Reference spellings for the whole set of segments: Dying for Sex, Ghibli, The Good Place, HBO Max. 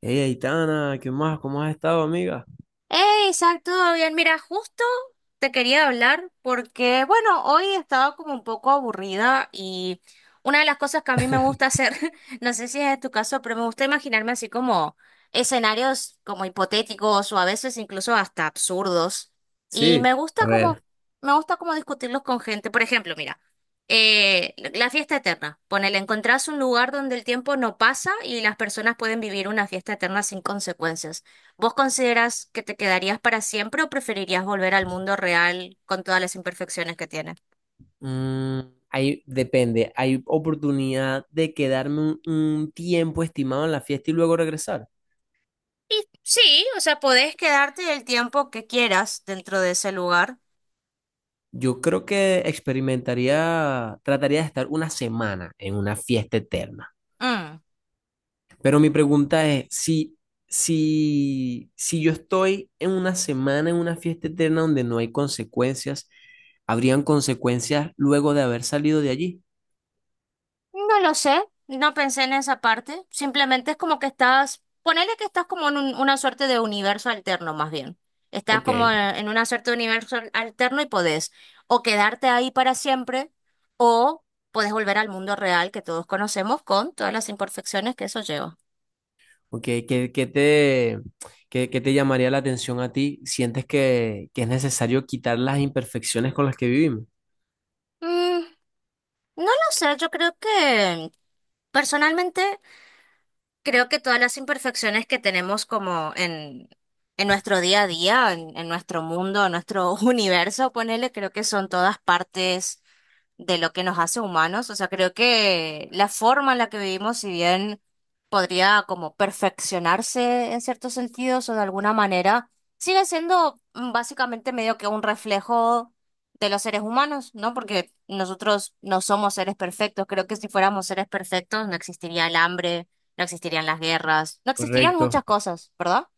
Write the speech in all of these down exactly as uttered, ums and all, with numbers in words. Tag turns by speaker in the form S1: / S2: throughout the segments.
S1: Hey, Aitana, ¿qué más? ¿Cómo has estado, amiga?
S2: Eh, exacto, bien. Mira, justo te quería hablar porque, bueno, hoy estaba como un poco aburrida y una de las cosas que a mí me gusta hacer, no sé si es tu caso, pero me gusta imaginarme así como escenarios como hipotéticos o a veces incluso hasta absurdos. Y
S1: Sí,
S2: me gusta
S1: a
S2: como,
S1: ver,
S2: me gusta como discutirlos con gente. Por ejemplo, mira, eh, la fiesta eterna. Ponele, encontrás un lugar donde el tiempo no pasa y las personas pueden vivir una fiesta eterna sin consecuencias. ¿Vos considerás que te quedarías para siempre o preferirías volver al mundo real con todas las imperfecciones que tiene?
S1: mm, hay, depende, ¿hay oportunidad de quedarme un, un tiempo estimado en la fiesta y luego regresar?
S2: Y sí, o sea, podés quedarte el tiempo que quieras dentro de ese lugar.
S1: Yo creo que experimentaría, trataría de estar una semana en una fiesta eterna.
S2: Mm,
S1: Pero mi pregunta es, si, si, si yo estoy en una semana en una fiesta eterna donde no hay consecuencias, ¿habrían consecuencias luego de haber salido de allí?
S2: No lo sé, no pensé en esa parte. Simplemente es como que estás, ponele que estás como en un- una suerte de universo alterno, más bien. Estás
S1: Ok.
S2: como en una suerte de universo alterno y podés o quedarte ahí para siempre o podés volver al mundo real que todos conocemos con todas las imperfecciones que eso lleva.
S1: Ok, ¿qué, qué te, qué, qué te llamaría la atención a ti? ¿Sientes que, que es necesario quitar las imperfecciones con las que vivimos?
S2: Mm, no lo sé, yo creo que personalmente creo que todas las imperfecciones que tenemos como en, en nuestro día a día, en, en nuestro mundo, en nuestro universo, ponele, creo que son todas partes de lo que nos hace humanos. O sea, creo que la forma en la que vivimos, si bien podría como perfeccionarse en ciertos sentidos o de alguna manera, sigue siendo mm, básicamente medio que un reflejo de los seres humanos, ¿no? Porque nosotros no somos seres perfectos. Creo que si fuéramos seres perfectos no existiría el hambre, no existirían las guerras, no existirían
S1: Correcto.
S2: muchas cosas, ¿verdad?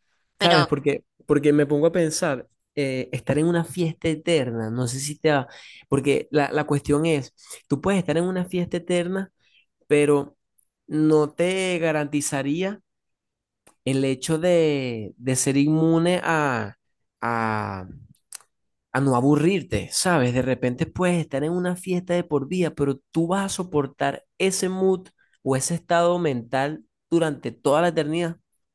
S1: ¿Sabes?
S2: Pero.
S1: Porque, porque me pongo a pensar, eh, estar en una fiesta eterna, no sé si te va, porque la, la cuestión es, tú puedes estar en una fiesta eterna, pero no te garantizaría el hecho de, de ser inmune a, a, a no aburrirte, ¿sabes? De repente puedes estar en una fiesta de por vida, pero tú vas a soportar ese mood o ese estado mental durante toda la eternidad.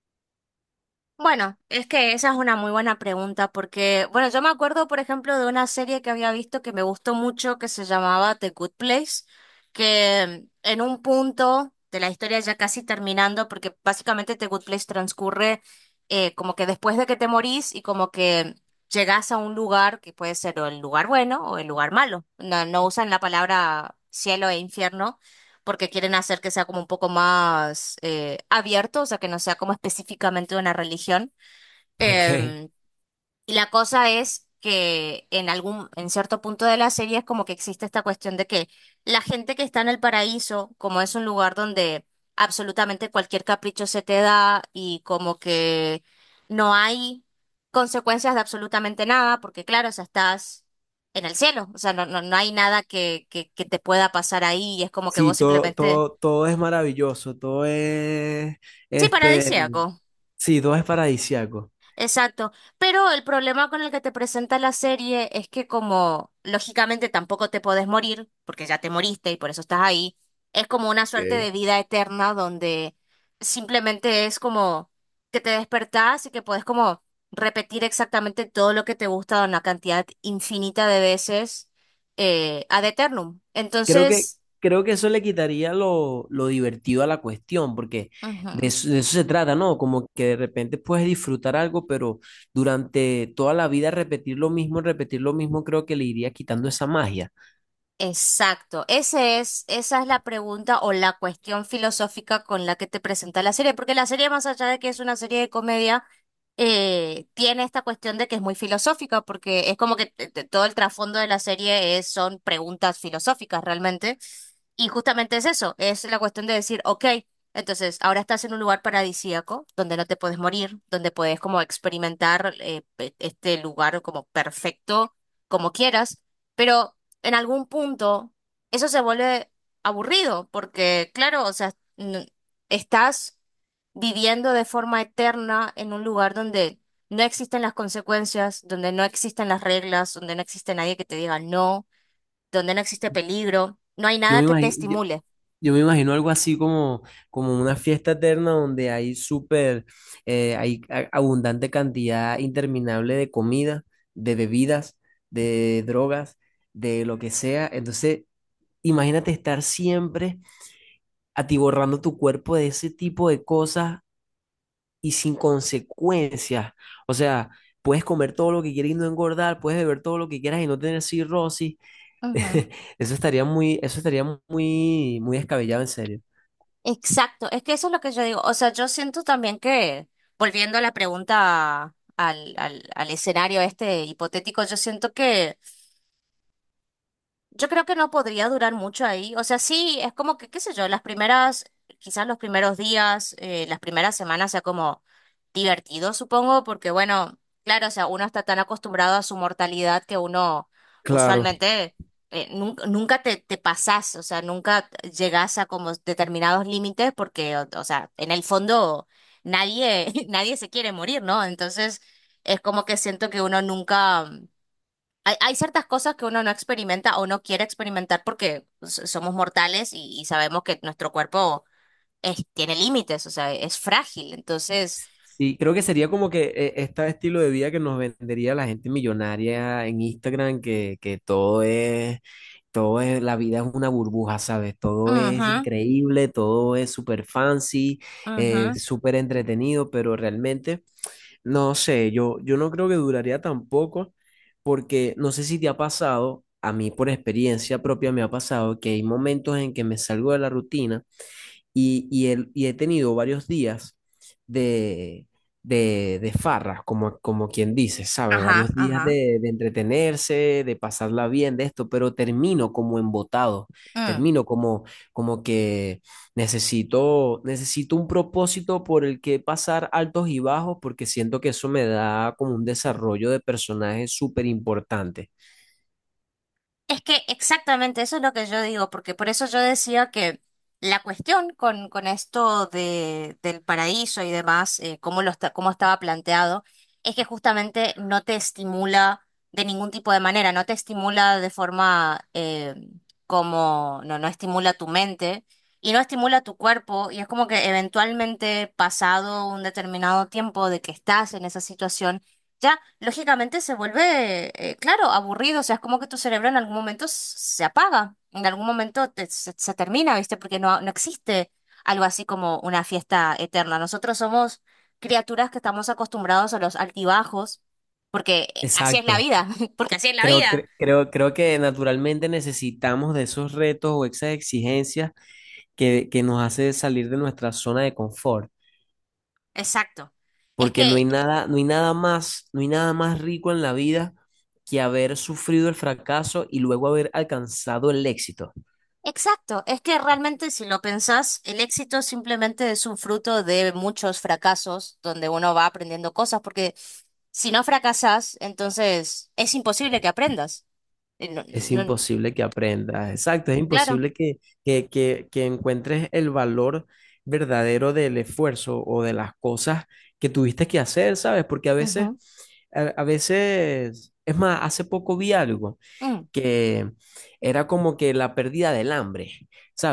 S2: Bueno, es que esa es una muy buena pregunta porque, bueno, yo me acuerdo, por ejemplo, de una serie que había visto que me gustó mucho que se llamaba The Good Place, que en un punto de la historia ya casi terminando, porque básicamente The Good Place transcurre eh, como que después de que te morís y como que llegas a un lugar que puede ser o el lugar bueno o el lugar malo. No, no usan la palabra cielo e infierno porque quieren hacer que sea como un poco más eh, abierto, o sea, que no sea como específicamente una religión.
S1: Ok.
S2: Em, y la cosa es que en algún, en cierto punto de la serie es como que existe esta cuestión de que la gente que está en el paraíso, como es un lugar donde absolutamente cualquier capricho se te da y como que no hay consecuencias de absolutamente nada, porque claro, o sea, estás en el cielo, o sea, no, no, no hay nada que, que, que te pueda pasar ahí y es como que
S1: Sí,
S2: vos
S1: todo,
S2: simplemente...
S1: todo, todo es maravilloso, todo es,
S2: Sí,
S1: este,
S2: paradisíaco.
S1: sí, todo es paradisiaco.
S2: Exacto. Pero el problema con el que te presenta la serie es que como lógicamente tampoco te podés morir, porque ya te moriste y por eso estás ahí, es como una suerte
S1: Ok.
S2: de vida eterna donde simplemente es como que te despertás y que podés como repetir exactamente todo lo que te gusta una cantidad infinita de veces eh, ad eternum.
S1: Creo que,
S2: Entonces...
S1: creo que eso le quitaría lo, lo divertido a la cuestión, porque de
S2: ujú.
S1: eso, de eso se trata, ¿no? Como que de repente puedes disfrutar algo, pero durante toda la vida repetir lo mismo, repetir lo mismo, creo que le iría quitando esa magia.
S2: Exacto. Ese es, esa es la pregunta o la cuestión filosófica con la que te presenta la serie, porque la serie, más allá de que es una serie de comedia, eh, tiene esta cuestión de que es muy filosófica, porque es como que te- te- todo el trasfondo de la serie es, son preguntas filosóficas realmente, y justamente es eso, es la cuestión de decir, ok, entonces ahora estás en un lugar paradisíaco, donde no te puedes morir, donde puedes como experimentar eh, pe- este lugar como perfecto, como quieras. Pero en algún punto eso se vuelve aburrido, porque claro, o sea, n- estás viviendo de forma eterna en un lugar donde no existen las consecuencias, donde no existen las reglas, donde no existe nadie que te diga no, donde no existe peligro, no hay
S1: Yo
S2: nada
S1: me
S2: que te
S1: imagino, yo,
S2: estimule.
S1: yo me imagino algo así como, como una fiesta eterna donde hay súper, eh, hay a- abundante cantidad interminable de comida, de bebidas, de drogas, de lo que sea. Entonces, imagínate estar siempre atiborrando tu cuerpo de ese tipo de cosas y sin consecuencias. O sea, puedes comer todo lo que quieras y no engordar, puedes beber todo lo que quieras y no tener cirrosis.
S2: Ujú.
S1: Eso estaría muy, eso estaría muy, muy descabellado en serio.
S2: Exacto, es que eso es lo que yo digo. O sea, yo siento también que, volviendo a la pregunta al, al, al escenario este hipotético, yo siento que yo creo que no podría durar mucho ahí. O sea, sí, es como que, qué sé yo, las primeras, quizás los primeros días, eh, las primeras semanas sea como divertido, supongo, porque bueno, claro, o sea, uno está tan acostumbrado a su mortalidad que uno
S1: Claro,
S2: usualmente eh, nun- nunca te, te pasás, o sea, nunca llegás a como determinados límites porque, o, o sea, en el fondo nadie, nadie se quiere morir, ¿no? Entonces, es como que siento que uno nunca... Hay, hay ciertas cosas que uno no experimenta o no quiere experimentar porque s- somos mortales y, y sabemos que nuestro cuerpo es- tiene límites, o sea, es frágil. Entonces...
S1: sí, creo que sería como que eh, este estilo de vida que nos vendería la gente millonaria en Instagram, que, que todo es, todo es, la vida es una burbuja, ¿sabes? Todo es
S2: ujú,
S1: increíble, todo es súper fancy, eh,
S2: ujú,
S1: súper entretenido, pero realmente, no sé, yo, yo no creo que duraría tampoco, porque no sé si te ha pasado, a mí por experiencia propia me ha pasado que hay momentos en que me salgo de la rutina y, y, el- y he tenido varios días de, de, de farra, como, como quien dice, ¿sabe? Varios
S2: ajá,
S1: días
S2: ajá.
S1: de, de entretenerse, de pasarla bien, de esto, pero termino como embotado,
S2: Mm.
S1: termino como, como que necesito, necesito un propósito por el que pasar altos y bajos, porque siento que eso me da como un desarrollo de personaje súper importante.
S2: Es que exactamente eso es lo que yo digo, porque por eso yo decía que la cuestión con, con esto de, del paraíso y demás, eh, cómo lo está- cómo estaba planteado, es que justamente no te estimula de ningún tipo de manera, no te estimula de forma eh, como, no, no estimula tu mente y no estimula tu cuerpo, y es como que eventualmente pasado un determinado tiempo de que estás en esa situación, ya lógicamente se vuelve, eh, claro, aburrido, o sea, es como que tu cerebro en algún momento s- se apaga, en algún momento te- se, se termina, ¿viste? Porque no, no existe algo así como una fiesta eterna. Nosotros somos criaturas que estamos acostumbrados a los altibajos, porque eh, así es la
S1: Exacto.
S2: vida, porque así es la
S1: Creo,
S2: vida.
S1: cre- creo, creo que naturalmente necesitamos de esos retos o esas exigencias que, que nos hace salir de nuestra zona de confort,
S2: Exacto. Es
S1: porque no hay
S2: que
S1: nada, no hay nada más, no hay nada más rico en la vida que haber sufrido el fracaso y luego haber alcanzado el éxito.
S2: Exacto, es que realmente si lo pensás, el éxito simplemente es un fruto de muchos fracasos donde uno va aprendiendo cosas, porque si no fracasás, entonces es imposible que aprendas. Eh, no-
S1: Es
S2: no-
S1: imposible que aprendas, exacto, es
S2: claro.
S1: imposible que, que, que, que encuentres el valor verdadero del esfuerzo o de las cosas que tuviste que hacer, ¿sabes? Porque a veces,
S2: Ujú.
S1: a, a veces, es más, hace poco vi algo.
S2: Mm,
S1: que era como que la pérdida del hambre,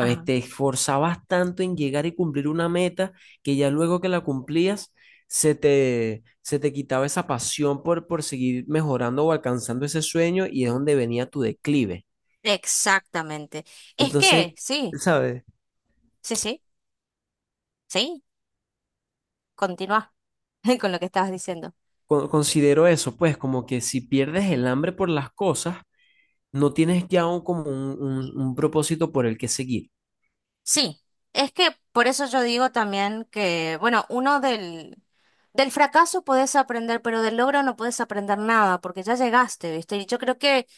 S2: ajá.
S1: Te esforzabas tanto en llegar y cumplir una meta que ya luego que la cumplías, se te, se te quitaba esa pasión por, por seguir mejorando o alcanzando ese sueño y es donde venía tu declive.
S2: Exactamente. Es
S1: Entonces,
S2: que, sí,
S1: ¿sabes?
S2: sí, sí, sí, continúa con lo que estabas diciendo.
S1: Con- Considero eso, pues como que si pierdes el hambre por las cosas, no tienes ya un- como un, un un propósito por el que seguir.
S2: Sí, es que por eso yo digo también que, bueno, uno del, del fracaso podés aprender, pero del logro no podés aprender nada, porque ya llegaste, ¿viste? Y yo creo que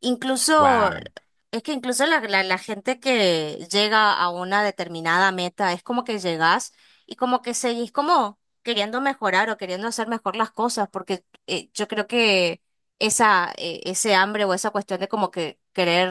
S2: incluso,
S1: Wow,
S2: es que incluso la, la, la gente que llega a una determinada meta, es como que llegás y como que seguís como queriendo mejorar o queriendo hacer mejor las cosas, porque eh, yo creo que esa, eh, ese hambre o esa cuestión de como que querer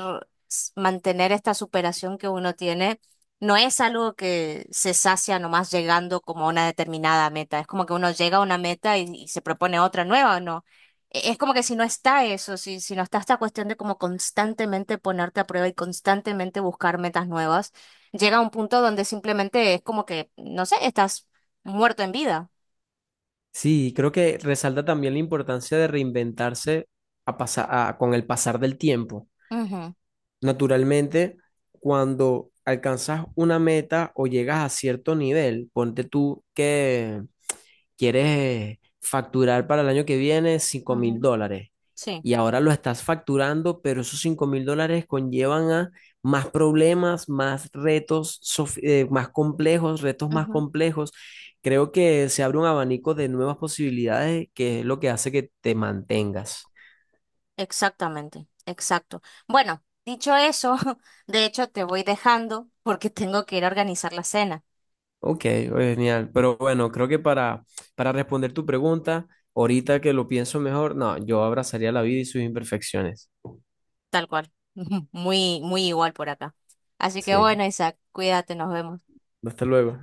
S2: s- mantener esta superación que uno tiene no es algo que se sacia nomás llegando como a una determinada meta. Es como que uno llega a una meta y, y se propone otra nueva, ¿no? E- Es como que si no está eso, si, si no está esta cuestión de como constantemente ponerte a prueba y constantemente buscar metas nuevas, llega a un punto donde simplemente es como que, no sé, estás muerto en vida.
S1: sí, creo que resalta también la importancia de reinventarse a pasa- a- con el pasar del tiempo.
S2: Ujú,
S1: Naturalmente, cuando alcanzas una meta o llegas a cierto nivel, ponte tú que quieres facturar para el año que viene cinco mil
S2: ujú,
S1: dólares
S2: sí,
S1: y ahora lo estás facturando, pero esos cinco mil dólares conllevan a más problemas, más retos, sof- eh, más complejos, retos más
S2: ujú,
S1: complejos. Creo que se abre un abanico de nuevas posibilidades que es lo que hace que te mantengas.
S2: exactamente, exacto. Bueno, dicho eso, de hecho te voy dejando porque tengo que ir a organizar la cena.
S1: Ok, oye, genial. Pero bueno, creo que para, para responder tu pregunta, ahorita que lo pienso mejor, no, yo abrazaría la vida y sus imperfecciones.
S2: Tal cual. Muy, muy igual por acá. Así que
S1: Sí,
S2: bueno, Isaac, cuídate, nos vemos.
S1: hasta luego.